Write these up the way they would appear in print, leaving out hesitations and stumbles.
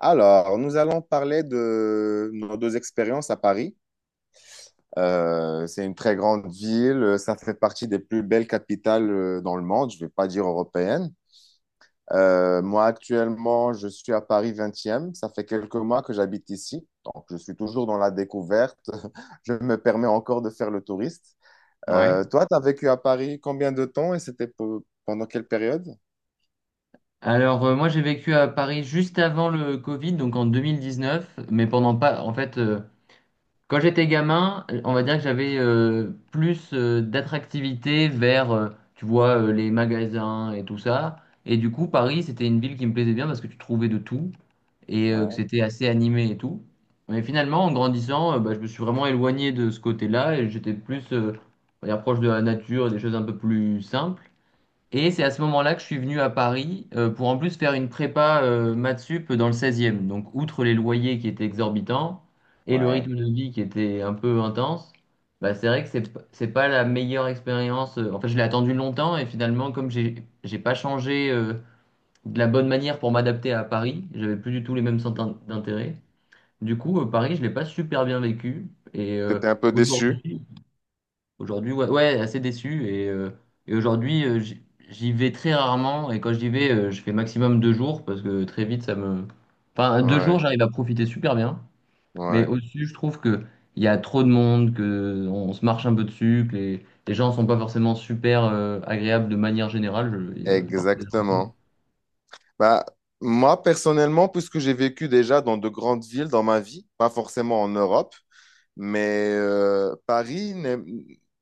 Alors, nous allons parler de nos deux expériences à Paris. C'est une très grande ville, ça fait partie des plus belles capitales dans le monde, je ne vais pas dire européenne. Moi, actuellement, je suis à Paris vingtième. Ça fait quelques mois que j'habite ici, donc je suis toujours dans la découverte, je me permets encore de faire le touriste. Ouais. Toi, tu as vécu à Paris combien de temps et c'était pendant quelle période? Alors, moi j'ai vécu à Paris juste avant le Covid, donc en 2019. Mais pendant pas, en fait, quand j'étais gamin, on va dire que j'avais plus d'attractivité vers, tu vois, les magasins et tout ça. Et du coup, Paris, c'était une ville qui me plaisait bien parce que tu trouvais de tout et que Ouais, c'était assez animé et tout. Mais finalement, en grandissant, bah, je me suis vraiment éloigné de ce côté-là et j'étais plus, on va dire, proche de la nature, et des choses un peu plus simples. Et c'est à ce moment-là que je suis venu à Paris pour en plus faire une prépa maths sup dans le 16e. Donc, outre les loyers qui étaient exorbitants et le ouais. rythme de vie qui était un peu intense, bah, c'est vrai que c'est pas la meilleure expérience. En fait, je l'ai attendu longtemps et finalement, comme j'ai pas changé de la bonne manière pour m'adapter à Paris, j'avais plus du tout les mêmes centres d'intérêt. Du coup, Paris, je l'ai pas super bien vécu. Et euh, T'étais un peu déçu? aujourd'hui, Aujourd'hui, ouais, ouais, assez déçu. Et aujourd'hui, j'y vais très rarement. Et quand j'y vais, je fais maximum 2 jours parce que très vite, ça me. Enfin, deux jours, Ouais, j'arrive à profiter super bien. Mais ouais, au-dessus, je trouve que il y a trop de monde, que on se marche un peu dessus, que les gens sont pas forcément super agréables de manière générale. Il y a parfois des gens cool. exactement. Bah, moi, personnellement, puisque j'ai vécu déjà dans de grandes villes dans ma vie, pas forcément en Europe, mais Paris,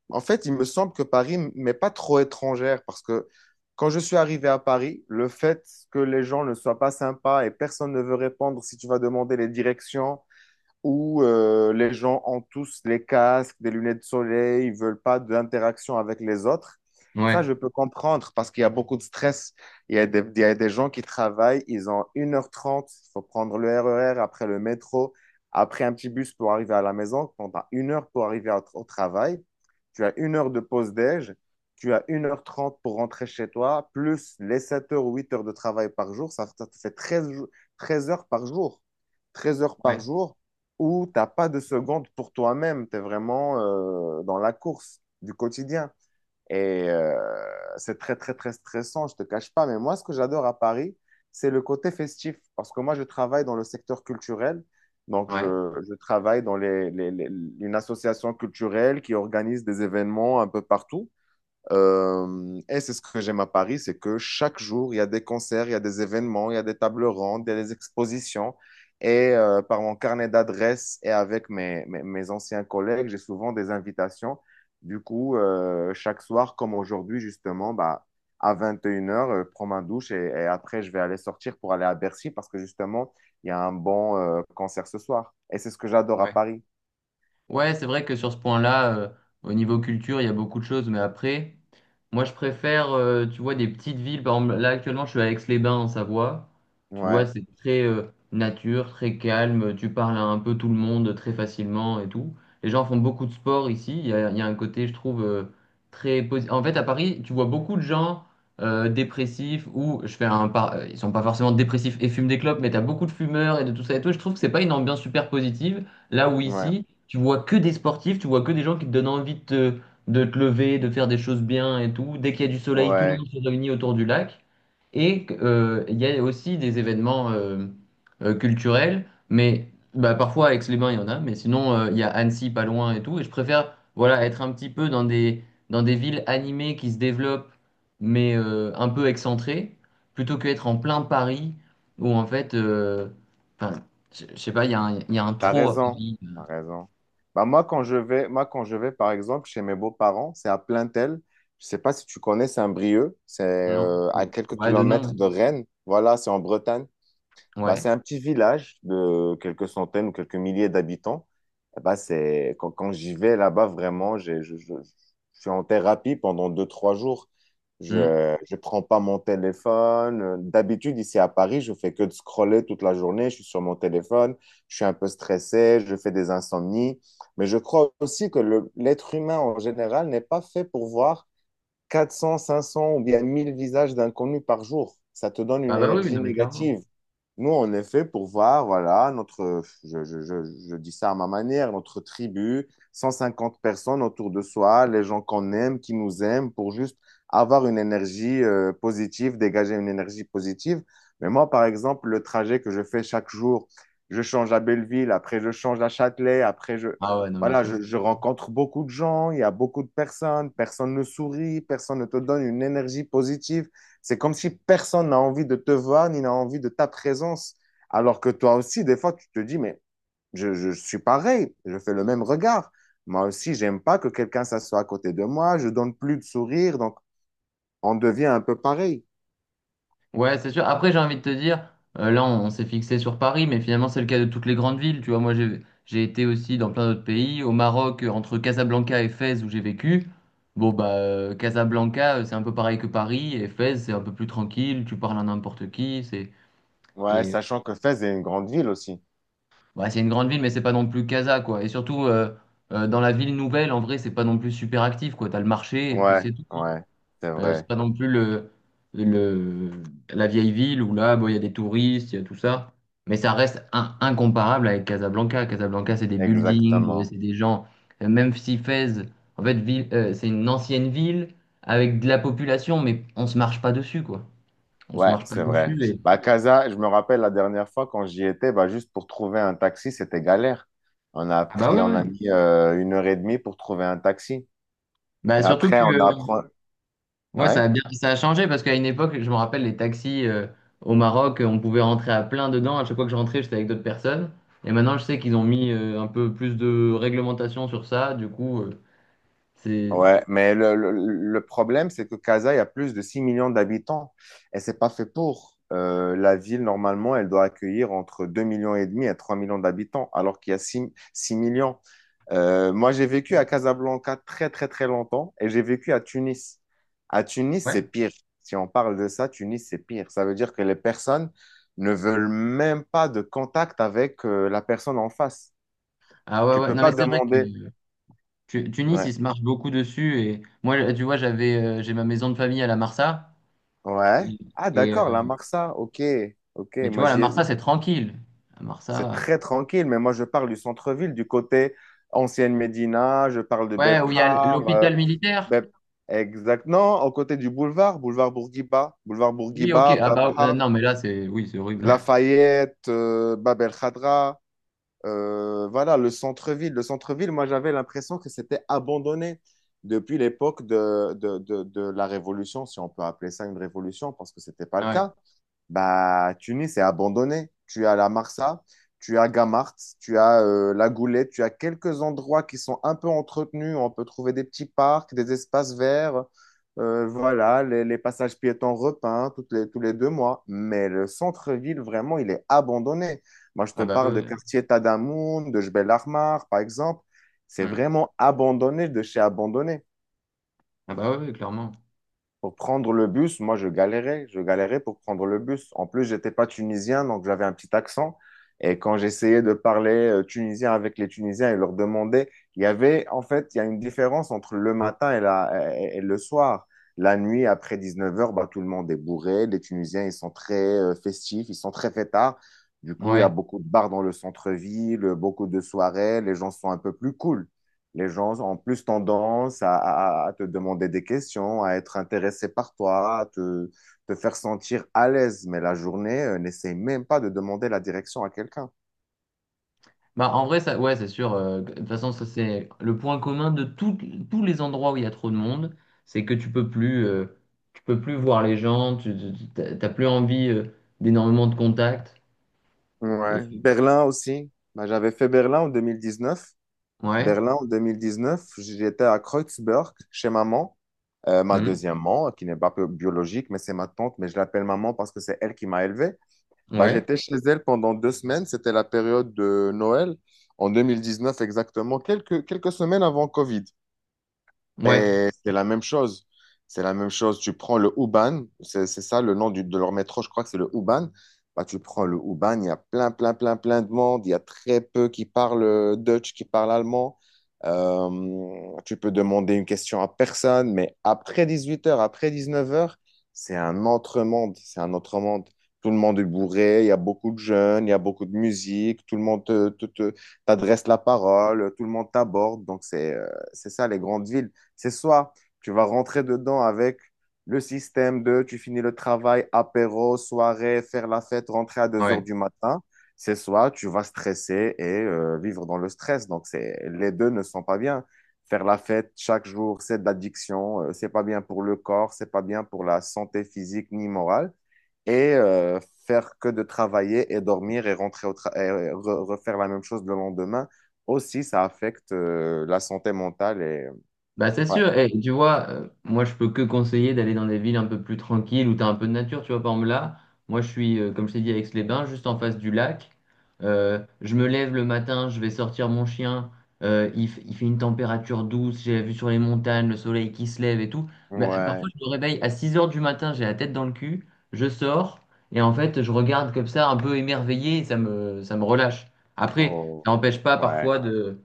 en fait, il me semble que Paris m'est pas trop étrangère parce que quand je suis arrivé à Paris, le fait que les gens ne soient pas sympas et personne ne veut répondre si tu vas demander les directions, où les gens ont tous les casques, des lunettes de soleil, ils veulent pas d'interaction avec les autres. Ça, Ouais, je peux comprendre parce qu'il y a beaucoup de stress. Il y a des gens qui travaillent, ils ont 1h30. Il faut prendre le RER, après le métro, après un petit bus pour arriver à la maison. Quand tu as 1 heure pour arriver au travail, tu as une heure de pause déj, tu as 1h30 pour rentrer chez toi, plus les 7 heures ou 8 heures de travail par jour, ça te fait 13 heures par jour. 13 heures par ouais, jour où t'as pas de seconde pour toi-même, tu es vraiment dans la course du quotidien. Et euh, c'est très, très, très stressant, je ne te cache pas. Mais moi, ce que j'adore à Paris, c'est le côté festif. Parce que moi, je travaille dans le secteur culturel. Donc, je, ouais, je travaille dans une association culturelle qui organise des événements un peu partout. Et c'est ce que j'aime à Paris, c'est que chaque jour, il y a des concerts, il y a des événements, il y a des tables rondes, il y a des expositions. Par mon carnet d'adresses et avec mes anciens collègues, j'ai souvent des invitations. Du coup, chaque soir, comme aujourd'hui, justement, bah, à 21 heures, je prends ma douche et après, je vais aller sortir pour aller à Bercy parce que justement, il y a un bon concert ce soir. Et c'est ce que j'adore à ouais. Paris. Ouais, c'est vrai que sur ce point-là, au niveau culture, il y a beaucoup de choses, mais après, moi je préfère, tu vois, des petites villes. Par exemple, là actuellement, je suis à Aix-les-Bains en Savoie. Tu vois, Ouais, c'est très nature, très calme. Tu parles à un peu tout le monde très facilement et tout. Les gens font beaucoup de sport ici. Il y a un côté, je trouve, très positif. En fait, à Paris, tu vois beaucoup de gens dépressifs ou je fais un par... ils sont pas forcément dépressifs et fument des clopes, mais tu as beaucoup de fumeurs et de tout ça et tout. Je trouve que c'est pas une ambiance super positive. Là où ouais, ici, tu vois que des sportifs, tu vois que des gens qui te donnent envie de te lever, de faire des choses bien et tout. Dès qu'il y a du soleil, tout le ouais. monde se réunit autour du lac. Et il y a aussi des événements culturels, mais bah, parfois à Aix-les-Bains, il y en a, mais sinon, il y a Annecy pas loin et tout. Et je préfère voilà, être un petit peu dans des villes animées qui se développent, mais un peu excentrées, plutôt qu'être en plein Paris, où en fait, enfin, je sais pas, il y a un, il y a un T'as trop à raison, Paris. t'as raison. Bah moi, quand je vais, par exemple, chez mes beaux-parents, c'est à Plaintel. Je sais pas si tu connais Saint-Brieuc, c'est Non. À quelques Ouais, de non. kilomètres de Rennes. Voilà, c'est en Bretagne. Bah, c'est Ouais. un petit village de quelques centaines ou quelques milliers d'habitants. Eh ben, c'est quand j'y vais là-bas, vraiment, je suis en thérapie pendant deux, trois jours. Je Hmm. ne prends pas mon téléphone. D'habitude, ici à Paris, je fais que de scroller toute la journée. Je suis sur mon téléphone. Je suis un peu stressé. Je fais des insomnies. Mais je crois aussi que l'être humain en général n'est pas fait pour voir 400 500 ou bien 1000 visages d'inconnus par jour. Ça te donne une Ah bah oui, énergie non mais négative. clairement. Nous, on est fait pour voir, voilà, notre, je dis ça à ma manière, notre tribu, 150 personnes autour de soi, les gens qu'on aime, qui nous aiment, pour juste avoir une énergie positive, dégager une énergie positive. Mais moi, par exemple, le trajet que je fais chaque jour, je change à Belleville, après je change à Châtelet, après Ah ouais, non mais voilà, je, je rencontre beaucoup de gens, il y a beaucoup de personnes, personne ne sourit, personne ne te donne une énergie positive. C'est comme si personne n'a envie de te voir ni n'a envie de ta présence. Alors que toi aussi, des fois, tu te dis, mais je suis pareil, je fais le même regard. Moi aussi, j'aime pas que quelqu'un s'assoie à côté de moi, je donne plus de sourire, donc on devient un peu pareil. ouais, c'est sûr. Après, j'ai envie de te dire, là, on s'est fixé sur Paris, mais finalement, c'est le cas de toutes les grandes villes. Tu vois, moi, j'ai été aussi dans plein d'autres pays. Au Maroc, entre Casablanca et Fès, où j'ai vécu. Bon, bah, Casablanca, c'est un peu pareil que Paris. Et Fès, c'est un peu plus tranquille. Tu parles à n'importe qui. C'est. Ouais, Et sachant que Fès est une grande ville aussi. bah, c'est une grande ville, mais c'est pas non plus Casa, quoi. Et surtout, dans la ville nouvelle, en vrai, c'est pas non plus super actif, quoi. T'as le marché, et puis c'est Ouais, tout, hein. ouais, c'est C'est vrai, pas non plus le, la vieille ville où là, bon, il y a des touristes, il y a tout ça. Mais ça reste incomparable avec Casablanca. Casablanca, c'est des buildings, exactement. c'est des gens. Même si Fès, en fait, ville, c'est une ancienne ville avec de la population, mais on se marche pas dessus, quoi. On se Ouais, marche pas c'est vrai. dessus. Et... Bah, Casa, je me rappelle la dernière fois quand j'y étais, bah, juste pour trouver un taxi, c'était galère. Ah bah ouais, On a ouais. mis 1h30 pour trouver un taxi. Et Bah, surtout que. après, on apprend. Ouais, Ouais, ça a changé parce qu'à une époque, je me rappelle les taxis au Maroc, on pouvait rentrer à plein dedans. À chaque fois que je rentrais, j'étais avec d'autres personnes. Et maintenant, je sais qu'ils ont mis un peu plus de réglementation sur ça. Du coup, c'est ouais. Mais le problème, c'est que Casa, il y a plus de 6 millions d'habitants et c'est pas fait pour. La ville, normalement, elle doit accueillir entre 2,5 millions et 3 millions d'habitants, alors qu'il y a six millions. Moi, j'ai vécu à Casablanca très, très, très longtemps et j'ai vécu à Tunis. À Tunis, ouais. c'est pire. Si on parle de ça, Tunis, c'est pire. Ça veut dire que les personnes ne veulent même pas de contact avec la personne en face. Ah ouais, Tu ouais. peux Non, pas mais c'est vrai que demander. Tunis, Ouais. ils se marchent beaucoup dessus. Et moi, tu vois, j'ai ma maison de famille à la Marsa. Ouais. Et, Ah, et, d'accord, euh, la Marsa. Ok, ok. mais tu vois, la Marsa, c'est tranquille. La C'est Marsa, très tranquille, mais moi, je parle du centre-ville, du côté ancienne Médina. Je parle de ouais, où il y a Bepar. L'hôpital militaire. Bep- Exact. Non, au côté du boulevard, boulevard Oui, ok. Bourguiba, Ah bah Bepar, non, mais là, c'est oui, c'est horrible. Lafayette, Bab el Khadra. Voilà, le centre-ville. Le centre-ville, moi, j'avais l'impression que c'était abandonné depuis l'époque de la Révolution, si on peut appeler ça une révolution, parce que c'était pas le Ouais. cas. Bah, Tunis est abandonné. Tu as la Marsa, tu as Gamart, tu as la Goulette, tu as quelques endroits qui sont un peu entretenus. On peut trouver des petits parcs, des espaces verts. Voilà, les passages piétons repeints tous les deux mois. Mais le centre-ville, vraiment, il est abandonné. Moi, je te Ah bah parle de ouais. quartier Tadamoun, de Jbel Armar, par exemple. C'est Mm. vraiment abandonné de chez abandonné. Ah bah oui, clairement. Pour prendre le bus, moi, je galérais. Je galérais pour prendre le bus. En plus, j'étais pas tunisien, donc j'avais un petit accent. Et quand j'essayais de parler tunisien avec les Tunisiens et leur demander, en fait, il y a une différence entre le matin et le soir. La nuit, après 19h, bah, tout le monde est bourré. Les Tunisiens, ils sont très festifs, ils sont très fêtards. Du coup, il y a Ouais. beaucoup de bars dans le centre-ville, beaucoup de soirées. Les gens sont un peu plus cool. Les gens ont plus tendance à te demander des questions, à être intéressés par toi, à te faire sentir à l'aise. Mais la journée, n'essaie même pas de demander la direction à quelqu'un. Bah en vrai, ça, ouais, c'est sûr. De toute façon, ça c'est le point commun de tous les endroits où il y a trop de monde, c'est que tu peux plus, tu peux plus voir les gens, t'as plus envie d'énormément de contacts. Et... Ouais. Berlin aussi. Bah, j'avais fait Berlin en 2019. Ouais. Berlin en 2019, j'étais à Kreuzberg chez maman. Ma Mm. deuxième maman, qui n'est pas biologique, mais c'est ma tante, mais je l'appelle maman parce que c'est elle qui m'a élevé. Bah, Ouais. j'étais chez elle pendant 2 semaines, c'était la période de Noël, en 2019 exactement, quelques semaines avant Covid. Ouais. Et c'est la même chose. C'est la même chose. Tu prends le Uban, c'est ça le nom de leur métro, je crois que c'est le Uban. Bah, tu prends le Uban, il y a plein, plein, plein, plein de monde. Il y a très peu qui parlent Dutch, qui parlent allemand. Tu peux demander une question à personne, mais après 18h après 19h c'est un autre monde. C'est un autre monde. Tout le monde est bourré, il y a beaucoup de jeunes, il y a beaucoup de musique, tout le monde t'adresse la parole, tout le monde t'aborde. Donc, c'est ça les grandes villes. C'est soit tu vas rentrer dedans avec le système de tu finis le travail, apéro, soirée, faire la fête, rentrer à deux heures Ouais. du matin. C'est soit tu vas stresser et vivre dans le stress. Donc, c'est, les deux ne sont pas bien. Faire la fête chaque jour, c'est de l'addiction. C'est pas bien pour le corps, c'est pas bien pour la santé physique ni morale. Et euh, Faire que de travailler et dormir et rentrer au tra- et re- refaire la même chose le lendemain, aussi, ça affecte la santé mentale. Bah c'est Ouais. sûr, et tu vois, moi je peux que conseiller d'aller dans des villes un peu plus tranquilles où tu as un peu de nature, tu vois, par exemple là, moi je suis, comme je t'ai dit, à Aix-les-Bains, juste en face du lac. Je me lève le matin, je vais sortir mon chien. Il fait une température douce, j'ai la vue sur les montagnes, le soleil qui se lève et tout, mais parfois Ouais, je me réveille à 6 heures du matin, j'ai la tête dans le cul, je sors, et en fait je regarde comme ça un peu émerveillé, et ça me relâche. Après, ça oh, n'empêche pas ouais. parfois de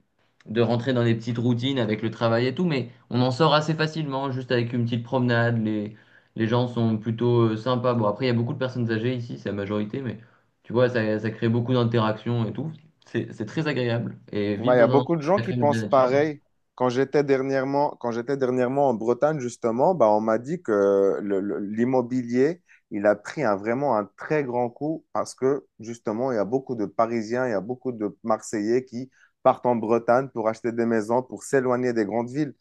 de rentrer dans des petites routines avec le travail et tout, mais on en sort assez facilement, juste avec une petite promenade. Les gens sont plutôt sympas. Bon, après, il y a beaucoup de personnes âgées ici, c'est la majorité, mais tu vois, ça crée beaucoup d'interactions et tout. C'est très agréable. Et vivre Ouais, il y a dans un endroit beaucoup de où gens il y a qui quand même de la pensent nature. pareil. Quand j'étais dernièrement en Bretagne, justement, bah, on m'a dit que l'immobilier, il a pris vraiment un très grand coup parce que, justement, il y a beaucoup de Parisiens, il y a beaucoup de Marseillais qui partent en Bretagne pour acheter des maisons, pour s'éloigner des grandes villes.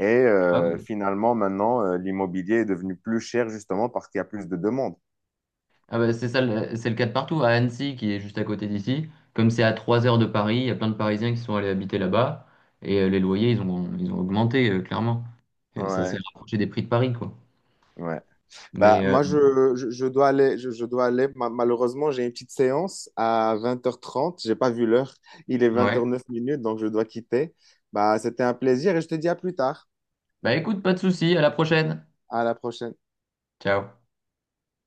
Ah oui. Finalement, maintenant, l'immobilier est devenu plus cher, justement, parce qu'il y a plus de demandes. Ah bah, c'est ça, c'est le cas de partout. À Annecy, qui est juste à côté d'ici, comme c'est à 3 heures de Paris, il y a plein de Parisiens qui sont allés habiter là-bas. Et les loyers, ils ont augmenté, clairement. Ça s'est Ouais, rapproché des prix de Paris, quoi. ouais. Bah, Mais moi, je dois aller, je dois aller. Malheureusement, j'ai une petite séance à 20h30. J'ai pas vu l'heure. Il est ouais. 20h09 minutes, donc je dois quitter. Bah, c'était un plaisir et je te dis à plus tard. Bah écoute, pas de souci, à la prochaine. À la prochaine. Ciao.